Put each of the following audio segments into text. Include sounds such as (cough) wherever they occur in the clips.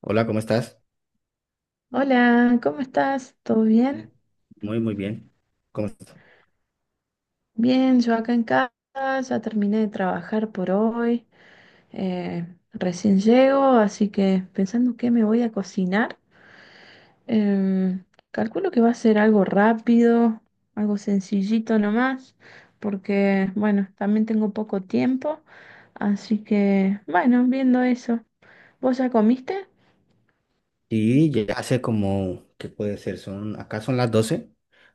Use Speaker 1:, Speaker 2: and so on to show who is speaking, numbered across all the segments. Speaker 1: Hola, ¿cómo estás?
Speaker 2: Hola, ¿cómo estás? ¿Todo bien?
Speaker 1: Muy, muy bien. ¿Cómo estás?
Speaker 2: Bien, yo acá en casa, ya terminé de trabajar por hoy, eh, recién llego, así que pensando qué me voy a cocinar, em, calculo que va a ser algo rápido, algo sencillito nomás, porque bueno, también tengo poco tiempo, así que bueno, viendo eso. ¿Vos ya comiste?
Speaker 1: Sí, ya hace como, ¿qué puede ser? Acá son las 12,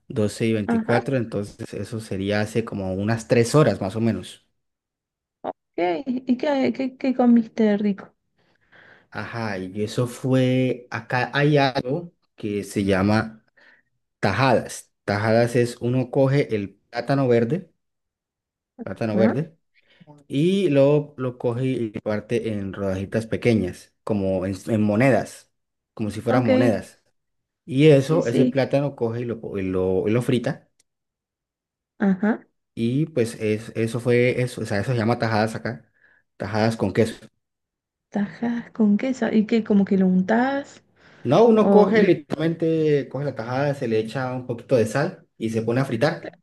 Speaker 1: doce y
Speaker 2: Ajá,
Speaker 1: veinticuatro. entonces eso sería hace como unas 3 horas más o menos.
Speaker 2: ok, ¿y qué comiste rico?
Speaker 1: Ajá, y eso fue, acá hay algo que se llama tajadas. Tajadas es uno coge el plátano
Speaker 2: Ah,
Speaker 1: verde, y luego lo coge y lo parte en rodajitas pequeñas, como en monedas, como si fueran
Speaker 2: ok,
Speaker 1: monedas. Y
Speaker 2: sí,
Speaker 1: eso, ese
Speaker 2: sí,
Speaker 1: plátano coge y lo, po- y lo frita.
Speaker 2: ajá.
Speaker 1: Y pues eso fue eso. O sea, eso se llama tajadas acá. Tajadas con queso.
Speaker 2: Tajas con queso. ¿Y que como que lo untás?
Speaker 1: No, uno
Speaker 2: O
Speaker 1: coge,
Speaker 2: le...
Speaker 1: literalmente coge la tajada, se le echa un poquito de sal y se pone a fritar.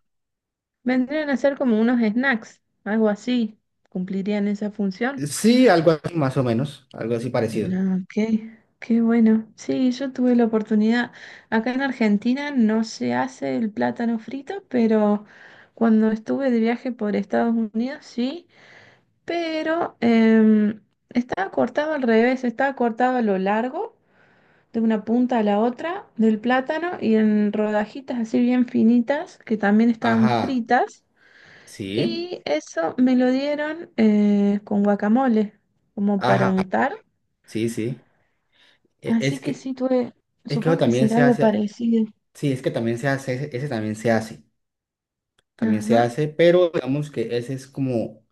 Speaker 2: Vendrían a ser como unos snacks, algo así. ¿Cumplirían esa función?
Speaker 1: Sí, algo así más o menos. Algo así parecido.
Speaker 2: Ah, ok, qué bueno. Sí, yo tuve la oportunidad. Acá en Argentina no se hace el plátano frito, pero cuando estuve de viaje por Estados Unidos sí, pero estaba cortado al revés, estaba cortado a lo largo de una punta a la otra del plátano y en rodajitas así bien finitas que también estaban
Speaker 1: Ajá.
Speaker 2: fritas.
Speaker 1: Sí.
Speaker 2: Y eso me lo dieron con guacamole, como para
Speaker 1: Ajá.
Speaker 2: untar.
Speaker 1: Sí, sí. E- Es
Speaker 2: Así que
Speaker 1: que,
Speaker 2: sí, tuve,
Speaker 1: es que eso
Speaker 2: supongo que
Speaker 1: también
Speaker 2: será
Speaker 1: se
Speaker 2: algo
Speaker 1: hace.
Speaker 2: parecido.
Speaker 1: Sí, es que también se hace. Ese también se hace. También se
Speaker 2: Ajá,
Speaker 1: hace, pero digamos que ese es como,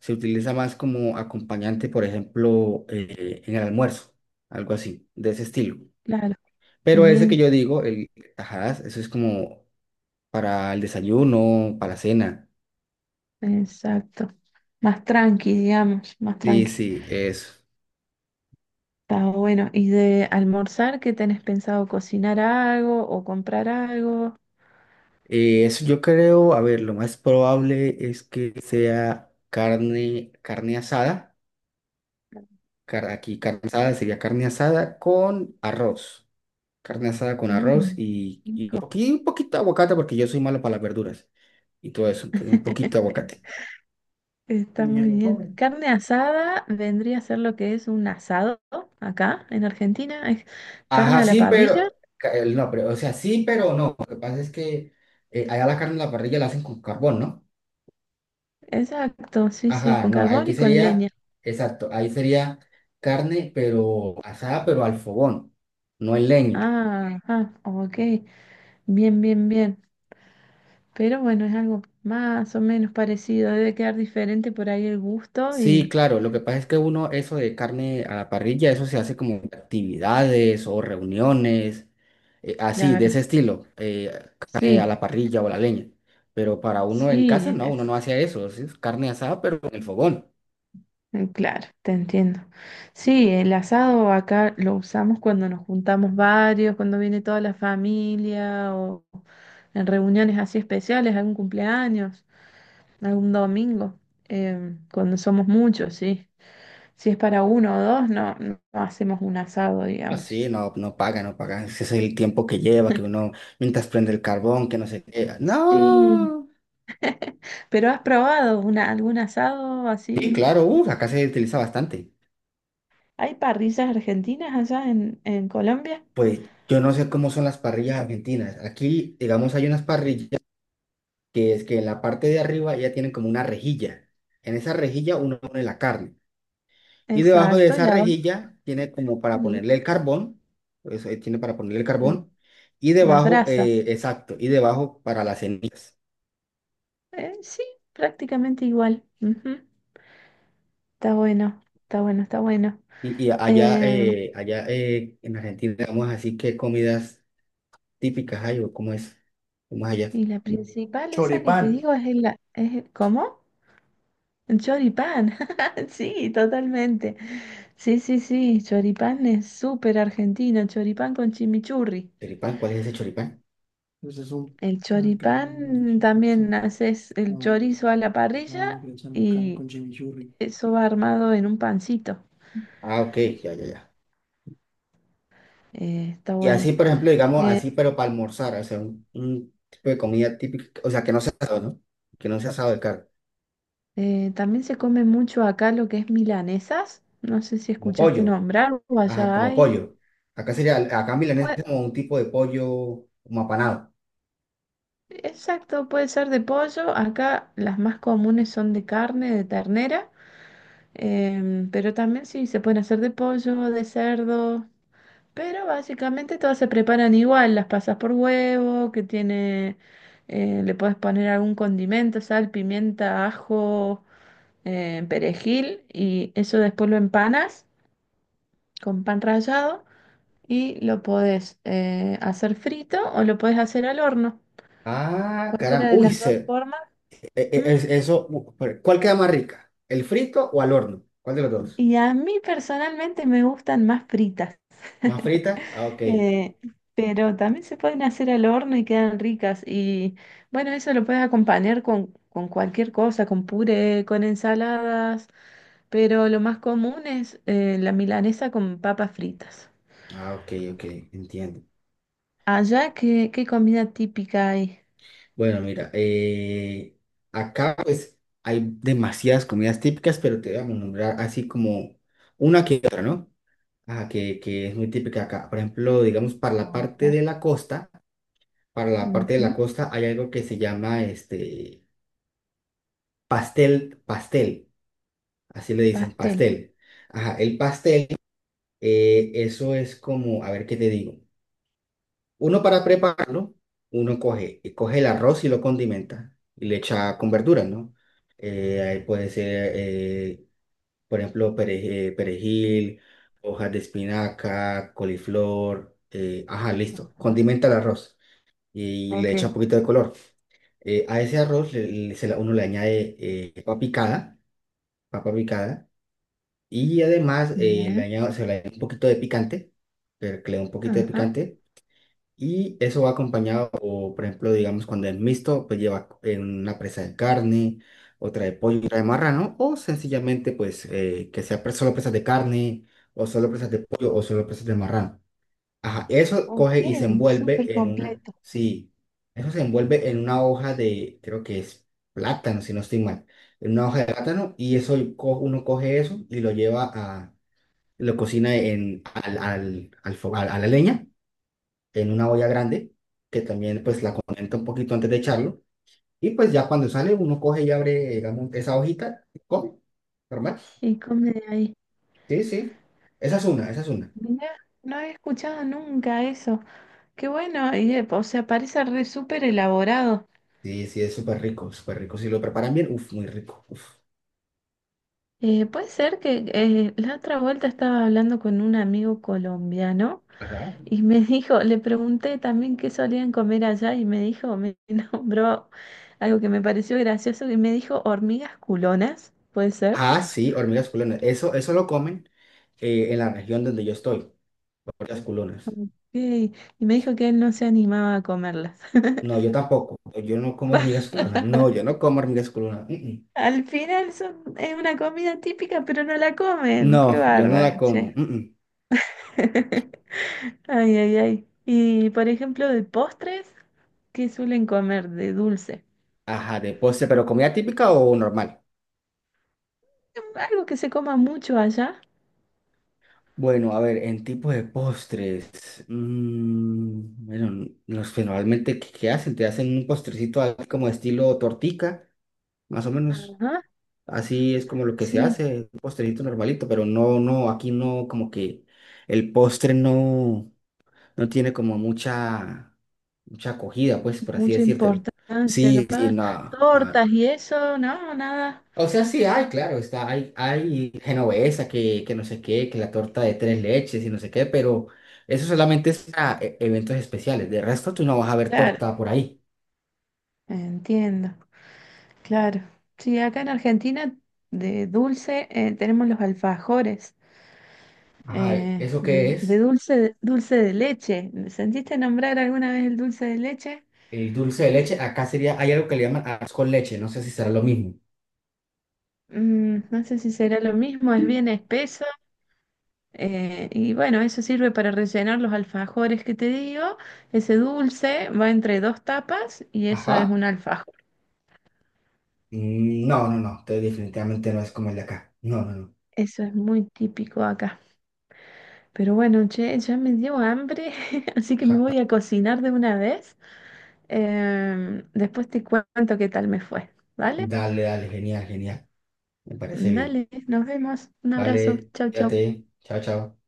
Speaker 1: se utiliza más como acompañante, por ejemplo, en el almuerzo, algo así, de ese estilo.
Speaker 2: claro,
Speaker 1: Pero ese que
Speaker 2: bien,
Speaker 1: yo digo, el tajadas, eso es como para el desayuno, para la cena.
Speaker 2: exacto. Más tranqui, digamos, más
Speaker 1: Sí,
Speaker 2: tranqui.
Speaker 1: sí, eso.
Speaker 2: Está bueno. ¿Y de almorzar, qué tenés pensado? ¿Cocinar algo o comprar algo?
Speaker 1: Eso yo creo, a ver, lo más probable es que sea carne, carne asada. Aquí carne asada sería carne asada con arroz. Carne asada con arroz
Speaker 2: Mm,
Speaker 1: y un
Speaker 2: rico.
Speaker 1: poqui- un poquito de aguacate porque yo soy malo para las verduras y todo eso. Entonces, un poquito de
Speaker 2: (laughs)
Speaker 1: aguacate.
Speaker 2: Está
Speaker 1: Ni
Speaker 2: muy
Speaker 1: él lo
Speaker 2: bien.
Speaker 1: come.
Speaker 2: Carne asada vendría a ser lo que es un asado acá en Argentina. Es carne
Speaker 1: Ajá,
Speaker 2: a la
Speaker 1: sí, pero...
Speaker 2: parrilla.
Speaker 1: No, pero, o sea, sí, pero no. Lo que pasa es que allá la carne en la parrilla la hacen con carbón, ¿no?
Speaker 2: Exacto, sí, sí,
Speaker 1: Ajá,
Speaker 2: con
Speaker 1: no, ahí
Speaker 2: carbón
Speaker 1: que
Speaker 2: y con leña.
Speaker 1: sería, exacto, ahí sería carne, pero asada, pero al fogón, no en leña.
Speaker 2: Ah, ah, ok. Bien, bien, bien. Pero bueno, es algo más o menos parecido. Debe quedar diferente por ahí el gusto
Speaker 1: Sí,
Speaker 2: y
Speaker 1: claro, lo que pasa es que uno, eso de carne a la parrilla, eso se hace como actividades o reuniones, así, de
Speaker 2: claro.
Speaker 1: ese estilo, carne a
Speaker 2: Sí,
Speaker 1: la parrilla o a la leña. Pero para uno en casa,
Speaker 2: sí.
Speaker 1: no, uno no hace eso, sí, es carne asada, pero en el fogón.
Speaker 2: Mm, claro, te entiendo. Sí, el asado acá lo usamos cuando nos juntamos varios, cuando viene toda la familia o en reuniones así especiales, algún cumpleaños, algún domingo, cuando somos muchos, sí. Si es para uno o dos, no, no hacemos un asado, digamos.
Speaker 1: Así, no, no paga, no paga. Ese es el tiempo que lleva, que uno, mientras prende el carbón, que no se qué.
Speaker 2: Sí.
Speaker 1: No.
Speaker 2: ¿Pero has probado una, algún asado
Speaker 1: Sí,
Speaker 2: así?
Speaker 1: claro, acá se utiliza bastante.
Speaker 2: ¿Hay parrillas argentinas allá en Colombia?
Speaker 1: Pues yo no sé cómo son las parrillas argentinas. Aquí, digamos, hay unas parrillas, que es que en la parte de arriba ya tienen como una rejilla. En esa rejilla uno pone la carne. Y debajo de
Speaker 2: Exacto,
Speaker 1: esa
Speaker 2: y abajo
Speaker 1: rejilla tiene como para ponerle el carbón. Eso tiene para ponerle el carbón. Y
Speaker 2: las
Speaker 1: debajo,
Speaker 2: brasas.
Speaker 1: exacto, y debajo para las cenizas.
Speaker 2: Sí, prácticamente igual. Ujú. Está bueno, está bueno, está bueno.
Speaker 1: Y allá,
Speaker 2: Em,
Speaker 1: allá en Argentina, digamos así, ¿qué comidas típicas hay o cómo es? ¿Cómo es allá?
Speaker 2: y la principal, esa que te
Speaker 1: Choripán.
Speaker 2: digo, es la... Es, ¿cómo? El choripán. (laughs) Sí, totalmente. Sí, sí, sí. Choripán es súper argentino. Choripán con chimichurri.
Speaker 1: ¿Choripán? ¿Cuál es ese choripán?
Speaker 2: El choripán también haces el chorizo a la parrilla y eso va armado en un pancito.
Speaker 1: Ah, ok, ya, ya, ya.
Speaker 2: Está
Speaker 1: Y así,
Speaker 2: bueno.
Speaker 1: por ejemplo, digamos, así, pero para almorzar, o sea, un tipo de comida típica, o sea, que no sea asado, ¿no? Que no sea asado de carne,
Speaker 2: También se come mucho acá lo que es milanesas. No sé si
Speaker 1: como
Speaker 2: escuchaste
Speaker 1: pollo,
Speaker 2: nombrar o
Speaker 1: ajá,
Speaker 2: allá
Speaker 1: como
Speaker 2: hay.
Speaker 1: pollo. Acá sería, acá en milanesa
Speaker 2: Pue-
Speaker 1: es como un tipo de pollo como apanado.
Speaker 2: exacto, puede ser de pollo. Acá las más comunes son de carne, de ternera. Pero también sí se pueden hacer de pollo, de cerdo. Pero básicamente todas se preparan igual. Las pasas por huevo, que tiene. Le puedes poner algún condimento, sal, pimienta, ajo, perejil. Y eso después lo empanas con pan rallado. Y lo podés hacer frito o lo podés hacer al horno,
Speaker 1: Ah, caramba,
Speaker 2: cualquiera de
Speaker 1: uy,
Speaker 2: las dos
Speaker 1: se,
Speaker 2: formas.
Speaker 1: e- e- es-
Speaker 2: Mm,
Speaker 1: eso, pero, ¿cuál queda más rica? ¿El frito o al horno? ¿Cuál de los dos?
Speaker 2: y a mí personalmente me gustan más fritas.
Speaker 1: ¿Más
Speaker 2: (laughs)
Speaker 1: frita? Ah, ok,
Speaker 2: Eh, pero también se pueden hacer al horno y quedan ricas. Y bueno, eso lo puedes acompañar con cualquier cosa, con puré, con ensaladas, pero lo más común es la milanesa con papas fritas.
Speaker 1: ah, ok, ok, entiendo.
Speaker 2: Allá, ¿qué comida típica hay?
Speaker 1: Bueno, mira, acá pues hay demasiadas comidas típicas, pero te vamos a nombrar así como una que otra, ¿no? Ajá, que es muy típica acá. Por ejemplo, digamos, para la
Speaker 2: A
Speaker 1: parte
Speaker 2: ver.
Speaker 1: de la costa, para la parte de
Speaker 2: Ujú,
Speaker 1: la costa hay algo que se llama este pastel, pastel, así le dicen,
Speaker 2: pastel.
Speaker 1: pastel. Ajá, el pastel, eso es como, a ver qué te digo. Uno para prepararlo, uno coge, coge el arroz y lo condimenta y le echa con verduras, ¿no? Ahí puede ser, por ejemplo, perejil, hojas de espinaca, coliflor, ajá, listo.
Speaker 2: Ujú.
Speaker 1: Condimenta el arroz y le
Speaker 2: Ok,
Speaker 1: echa un poquito de color. A ese arroz uno le añade papa picada, y además le
Speaker 2: bien,
Speaker 1: añade, se le añade un poquito de picante, pero que le da un poquito de
Speaker 2: ajá.
Speaker 1: picante y eso va acompañado, o, por ejemplo, digamos, cuando es mixto, pues lleva una presa de carne, otra de pollo y otra de marrano, o sencillamente, pues, que sea solo presas de carne, o solo presas de pollo, o solo presas de marrano. Ajá, eso coge
Speaker 2: Ok,
Speaker 1: y se
Speaker 2: súper
Speaker 1: envuelve en una,
Speaker 2: completo.
Speaker 1: sí, eso se envuelve en una hoja de, creo que es plátano, si no estoy mal, en una hoja de plátano, y eso uno coge eso y lo cocina en, al, al, al, fo- a la leña en
Speaker 2: Ajá.
Speaker 1: una olla grande, que también pues la conecta un poquito antes de echarlo. Y pues ya cuando sale, uno coge y abre, digamos, esa hojita, y come, normal.
Speaker 2: Y come de ahí.
Speaker 1: Sí, sí. Esa es una, esa es una.
Speaker 2: Mira, no había escuchado nunca eso. Qué bueno, y, o sea, parece re súper elaborado.
Speaker 1: Sí, sí, es súper rico, súper rico. Si lo preparan bien, uff, muy rico. Uf.
Speaker 2: Puede ser que la otra vuelta estaba hablando con un amigo colombiano
Speaker 1: Ajá.
Speaker 2: y me (laughs) dijo, le pregunté también qué solían comer allá y me dijo, me (laughs) nombró algo que me pareció gracioso y me dijo hormigas culonas, puede ser.
Speaker 1: Ah, sí, hormigas culonas. Eso lo comen en la región donde yo estoy, hormigas culonas.
Speaker 2: Ok, y me dijo que él no se animaba a comerlas.
Speaker 1: No, yo
Speaker 2: (laughs)
Speaker 1: tampoco. No, yo no como hormigas
Speaker 2: Va-
Speaker 1: culonas. No, yo
Speaker 2: (laughs)
Speaker 1: no como hormigas culonas. Mm, mm.
Speaker 2: Al final son, es una comida típica, pero no la comen. Qué
Speaker 1: No, yo no la
Speaker 2: bárbaro, che.
Speaker 1: como. Mm, mm.
Speaker 2: (laughs) Ay, ay, ay. Y por ejemplo, de postres, ¿qué suelen comer de dulce?
Speaker 1: Ajá, de postre, pero comida típica o normal.
Speaker 2: Algo que se coma mucho allá.
Speaker 1: Bueno, a ver, en tipos de postres, bueno, los generalmente, ¿qué hacen? Te hacen un postrecito así como estilo tortica, más o menos,
Speaker 2: Ajá.
Speaker 1: así es como lo que se
Speaker 2: Sí,
Speaker 1: hace, un postrecito normalito, pero no, no, aquí no, como que el postre no, no tiene como mucha, mucha acogida, pues, por así
Speaker 2: mucha
Speaker 1: decírtelo.
Speaker 2: importancia,
Speaker 1: Sí, sí,
Speaker 2: capaz.
Speaker 1: nada,
Speaker 2: Tortas y eso, no, nada.
Speaker 1: o sea, sí hay, claro, está, hay genovesa que no sé qué, que la torta de tres leches y no sé qué, pero eso solamente es para eventos especiales. De resto, tú no vas a ver
Speaker 2: Claro,
Speaker 1: torta por ahí.
Speaker 2: entiendo. Claro. Sí, acá en Argentina de dulce tenemos los alfajores,
Speaker 1: Ajá,
Speaker 2: eh,
Speaker 1: ¿eso
Speaker 2: de,
Speaker 1: qué
Speaker 2: de
Speaker 1: es?
Speaker 2: dulce, dulce de leche. ¿Sentiste nombrar alguna vez el dulce de leche?
Speaker 1: El dulce de leche, acá sería, hay algo que le llaman arroz con leche, no sé si será lo mismo.
Speaker 2: Mm, no sé si será lo mismo, es bien espeso. Y bueno, eso sirve para rellenar los alfajores que te digo. Ese dulce va entre dos tapas y eso es
Speaker 1: Ajá.
Speaker 2: un alfajor.
Speaker 1: Mm, no, no, no, definitivamente no es como el de acá. No, no, no.
Speaker 2: Eso es muy típico acá. Pero bueno, che, ya me dio hambre, (laughs) así que me
Speaker 1: Ajá.
Speaker 2: voy a cocinar de una vez. Después te cuento qué tal me fue. ¿Vale?
Speaker 1: Dale, dale, genial, genial. Me parece bien.
Speaker 2: Dale, nos vemos. Un abrazo.
Speaker 1: Vale,
Speaker 2: Chau, chau.
Speaker 1: fíjate. Chao, chao.